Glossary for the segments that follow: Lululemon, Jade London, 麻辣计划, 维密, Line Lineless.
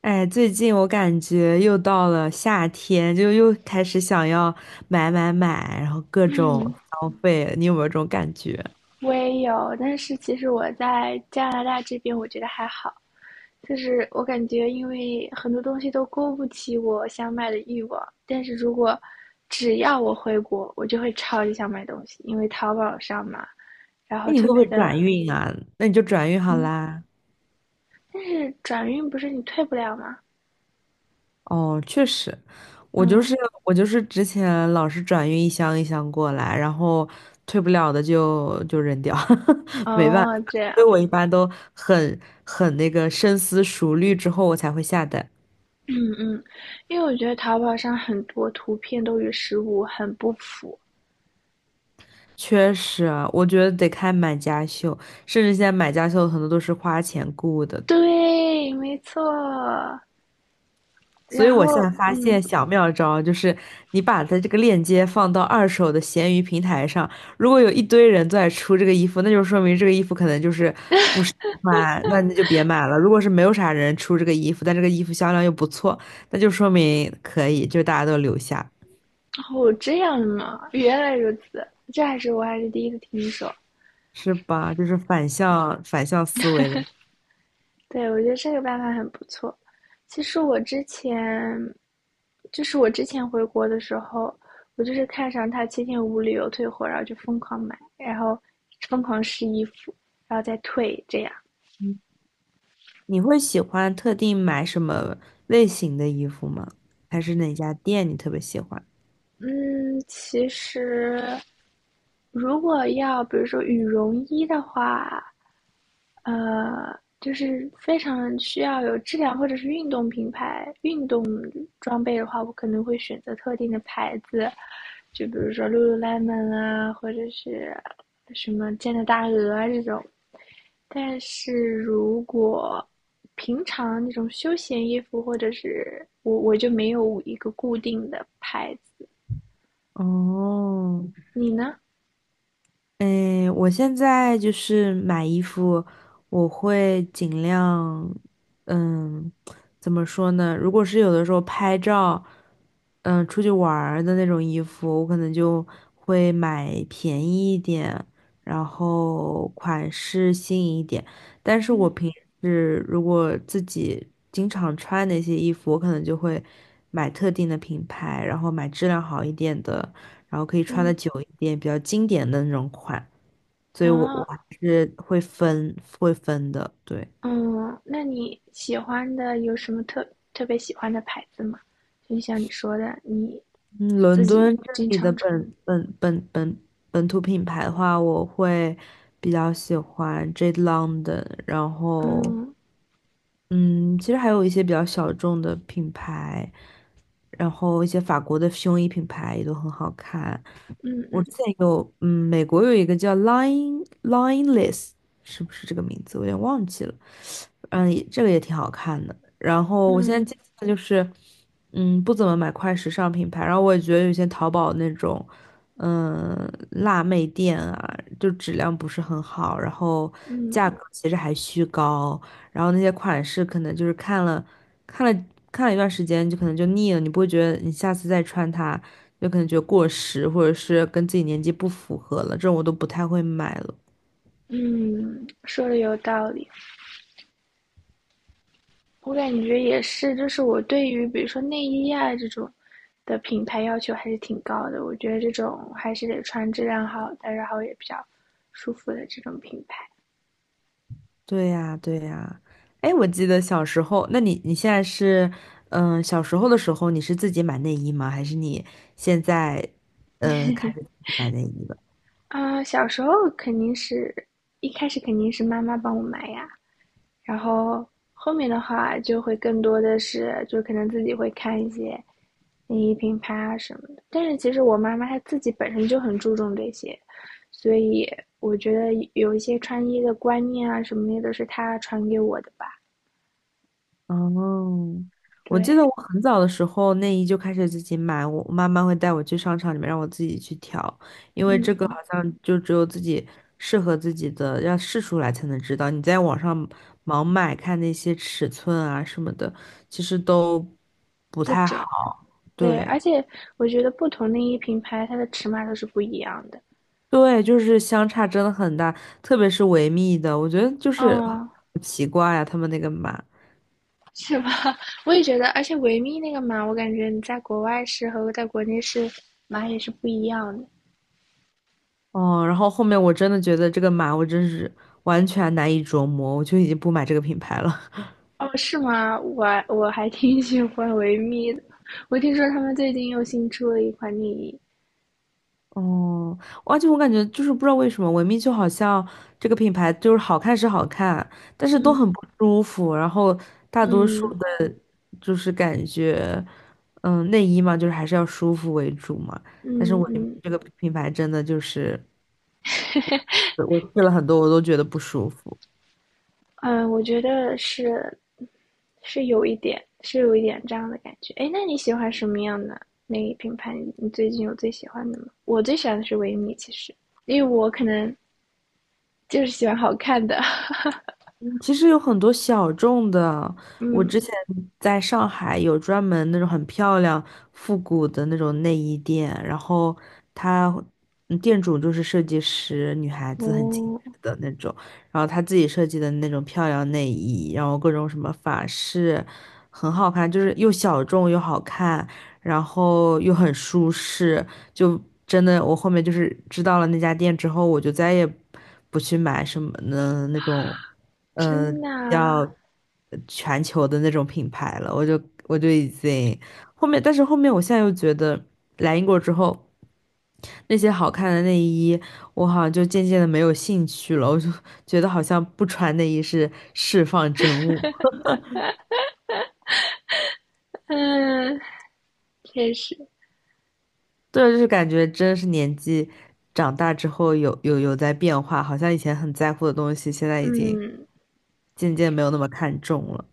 哎，最近我感觉又到了夏天，就又开始想要买买买，然后各种消费，你有没有这种感觉？我也有，但是其实我在加拿大这边，我觉得还好，就是我感觉因为很多东西都勾不起我想买的欲望，但是如果只要我回国，我就会超级想买东西，因为淘宝上嘛，然后哎，你特会不别会的。转运啊？那你就转运好嗯，啦。但是转运不是你退不了吗？哦，确实，我就嗯。是我就是之前老是转运一箱一箱过来，然后退不了的就扔掉，没办法，哦，这所以样。我一般都很那个深思熟虑之后我才会下单。嗯嗯。因为我觉得淘宝上很多图片都与实物很不符。确实啊，我觉得得看买家秀，甚至现在买家秀很多都是花钱雇的。对，没错。所以然我现在后发嗯。现小妙招就是，你把它这个链接放到二手的闲鱼平台上，如果有一堆人都在出这个衣服，那就说明这个衣服可能就是买，那你就别买了。如果是没有啥人出这个衣服，但这个衣服销量又不错，那就说明可以，就大家都留下，哦，这样吗？原来如此，这还是我还是第一次听说。是吧？就是反向思维。对，我觉得这个办法很不错。其实我之前，就是我之前回国的时候，我就是看上它7天无理由退货，然后就疯狂买，然后疯狂试衣服，然后再退，这样。你会喜欢特定买什么类型的衣服吗？还是哪家店你特别喜欢？嗯，其实如果要比如说羽绒衣的话，就是非常需要有质量或者是运动品牌、运动装备的话，我可能会选择特定的牌子，就比如说 Lululemon 啊，或者是什么健力大鹅啊这种。但是如果平常那种休闲衣服，或者是我就没有一个固定的牌子。哦，你呢？嗯，我现在就是买衣服，我会尽量，嗯，怎么说呢？如果是有的时候拍照，出去玩儿的那种衣服，我可能就会买便宜一点，然后款式新颖一点。但是我嗯平时如果自己经常穿那些衣服，我可能就会买特定的品牌，然后买质量好一点的。然后可以穿的嗯。久一点，比较经典的那种款。所以我还啊。是会分的，对。嗯，那你喜欢的有什么特别喜欢的牌子吗？就像你说的，你嗯，自伦己敦这经里的常穿。本土品牌的话，我会比较喜欢 Jade London，然后嗯嗯，其实还有一些比较小众的品牌，然后一些法国的胸衣品牌也都很好看。嗯我嗯之前有，嗯，美国有一个叫 Line Lineless，是不是这个名字？我有点忘记了。嗯，也这个也挺好看的。然后我现在嗯接下来就是，不怎么买快时尚品牌，然后我也觉得有些淘宝那种，辣妹店啊，就质量不是很好，然后嗯价格其实还虚高。然后那些款式可能就是看了看了一段时间，就可能就腻了，你不会觉得你下次再穿它，就可能觉得过时，或者是跟自己年纪不符合了，这种我都不太会买了。嗯。说的有道理。我感觉也是，就是我对于比如说内衣啊这种的品牌要求还是挺高的。我觉得这种还是得穿质量好的，然后也比较舒服的这种品牌。对呀，对呀。哎，我记得小时候，那你现在是，小时候的时候你是自己买内衣吗？还是你现在开始自己买内衣了？啊、小时候肯定是一开始肯定是妈妈帮我买呀。然后后面的话就会更多的是，就可能自己会看一些内衣品牌啊什么的。但是其实我妈妈她自己本身就很注重这些，所以我觉得有一些穿衣的观念啊什么的都是她传给我的吧。哦，我记对。得我很早的时候内衣就开始自己买，我妈妈会带我去商场里面让我自己去挑，因为这个好嗯，像就只有自己适合自己的，要试出来才能知道。你在网上盲买看那些尺寸啊什么的，其实都不不太好。准。对，对而且我觉得不同内衣品牌它的尺码都是不一样的。对，就是相差真的很大，特别是维密的，我觉得就是好嗯，奇怪呀、他们那个码。是吧？我也觉得，而且维密那个码，我感觉你在国外试和在国内试码也是不一样的。哦，然后后面我真的觉得这个码我真是完全难以琢磨，我就已经不买这个品牌了。哦，是吗？我还挺喜欢维密的。我听说他们最近又新出了一款内衣。哦，而且我感觉就是不知道为什么，维密就好像这个品牌就是好看是好看，但是都嗯很不舒服。然后大多数嗯的，就是感觉，内衣嘛，就是还是要舒服为主嘛。但是嗯维密嗯这个品牌真的就是，我试了很多，我都觉得不舒服。嗯，我觉得是有一点，是有一点这样的感觉。哎，那你喜欢什么样的内衣品牌？你最近有最喜欢的吗？我最喜欢的是维密，其实，因为我可能就是喜欢好看的。嗯，其实有很多小众的，我嗯。之前在上海有专门那种很漂亮、复古的那种内衣店，然后它店主就是设计师，女孩子很精哦，致的那种，然后她自己设计的那种漂亮内衣，然后各种什么法式，很好看，就是又小众又好看，然后又很舒适，就真的我后面就是知道了那家店之后，我就再也不去买什么的那种，呃，真的啊。要全球的那种品牌了。我就已经后面，但是后面我现在又觉得来英国之后，那些好看的内衣，我好像就渐渐的没有兴趣了。我就觉得好像不穿内衣是释放真我。嗯，确实。对，就是感觉真是年纪长大之后有在变化，好像以前很在乎的东西，现在已经嗯。渐渐没有那么看重了。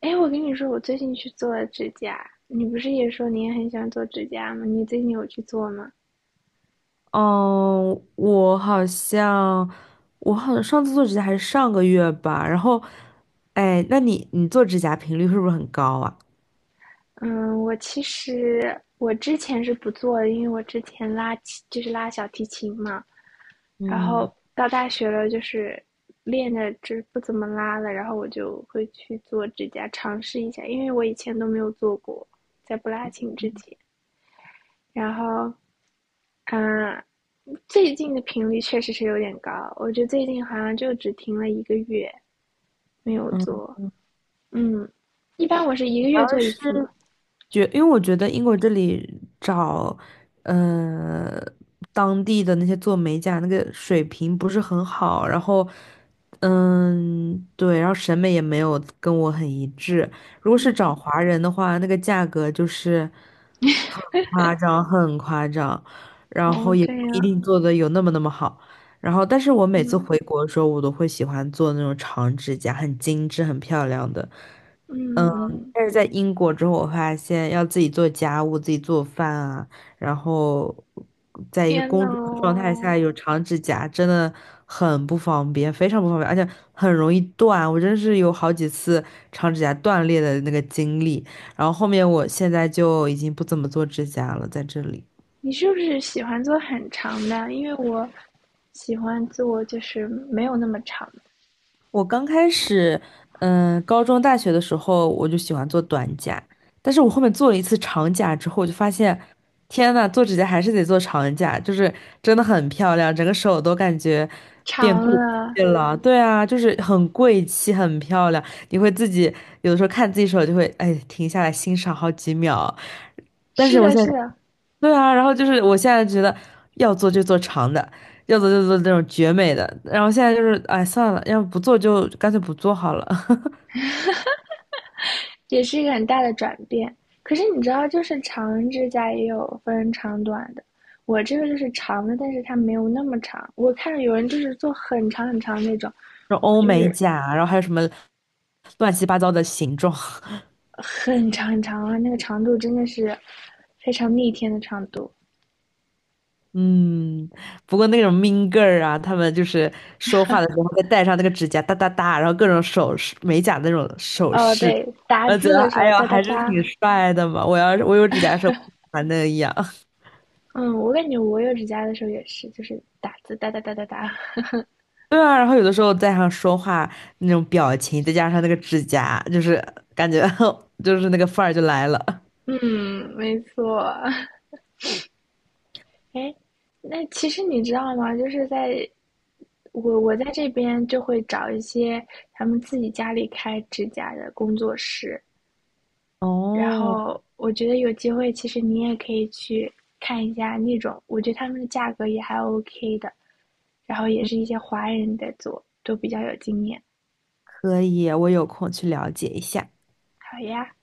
哎，我跟你说，我最近去做了指甲。你不是也说你也很喜欢做指甲吗？你最近有去做吗？嗯，我好像上次做指甲还是上个月吧，然后，哎，那你做指甲频率是不是很高啊？嗯，我其实我之前是不做的，因为我之前拉琴就是拉小提琴嘛，然嗯后到大学了就是练的就是不怎么拉了，然后我就会去做指甲尝试一下，因为我以前都没有做过，在不拉琴之前。然后，嗯，最近的频率确实是有点高，我觉得最近好像就只停了一个月没有嗯，做。嗯，一般我是一主个月要做一次嘛。是觉，因为我觉得英国这里找，呃，当地的那些做美甲那个水平不是很好，然后，嗯，对，然后审美也没有跟我很一致。如果是找嗯，华人的话，那个价格就是很夸张，很夸张，然后哦，也这不一样。定做的有那么那么好。然后，但是我每次嗯回国的时候，我都会喜欢做那种长指甲，很精致、很漂亮的。嗯。嗯嗯。但是在英国之后，我发现要自己做家务、自己做饭啊，然后在一个天工呐作的状态下哦，有长指甲，真的很不方便，非常不方便，而且很容易断。我真是有好几次长指甲断裂的那个经历。然后后面我现在就已经不怎么做指甲了，在这里。你是不是喜欢做很长的？因为我喜欢做就是没有那么长。我刚开始，高中、大学的时候我就喜欢做短甲，但是我后面做了一次长甲之后，我就发现，天呐，做指甲还是得做长甲，就是真的很漂亮，整个手都感觉变长贵了。气了。对啊，就是很贵气，很漂亮。你会自己有的时候看自己手，就会哎停下来欣赏好几秒。但是是我的，现是在。的。对啊，然后就是我现在觉得要做就做长的，要做就做那种绝美的，然后现在就是哎算了，要不做就干脆不做好了。也是一个很大的转变。可是你知道，就是长指甲也有分长短的，我这个就是长的，但是它没有那么长。我看着有人就是做很长很长那种，然后我欧就美是甲啊，然后还有什么乱七八糟的形状，很长很长啊，那个长度真的是非常逆天的长度。嗯，不过那种 mean girl 啊，他们就是说话的时候会戴上那个指甲哒哒哒，然后各种首饰、美甲那种首哦，饰，对，打我觉字得的时哎候呦哒哒还是哒。挺帅的嘛，我要是我有指甲的时候，不喜欢那样。嗯，我感觉我有指甲的时候也是，就是打字哒哒哒哒哒。对啊，然后有的时候在上说话那种表情，再加上那个指甲，就是感觉 就是那个范儿就来了。嗯，没错。哎，那其实你知道吗？就是在我在这边就会找一些他们自己家里开指甲的工作室，然哦，后我觉得有机会，其实你也可以去看一下那种，我觉得他们的价格也还 OK 的，然后也是一些华人在做，都比较有经验。可以，我有空去了解一下。好呀。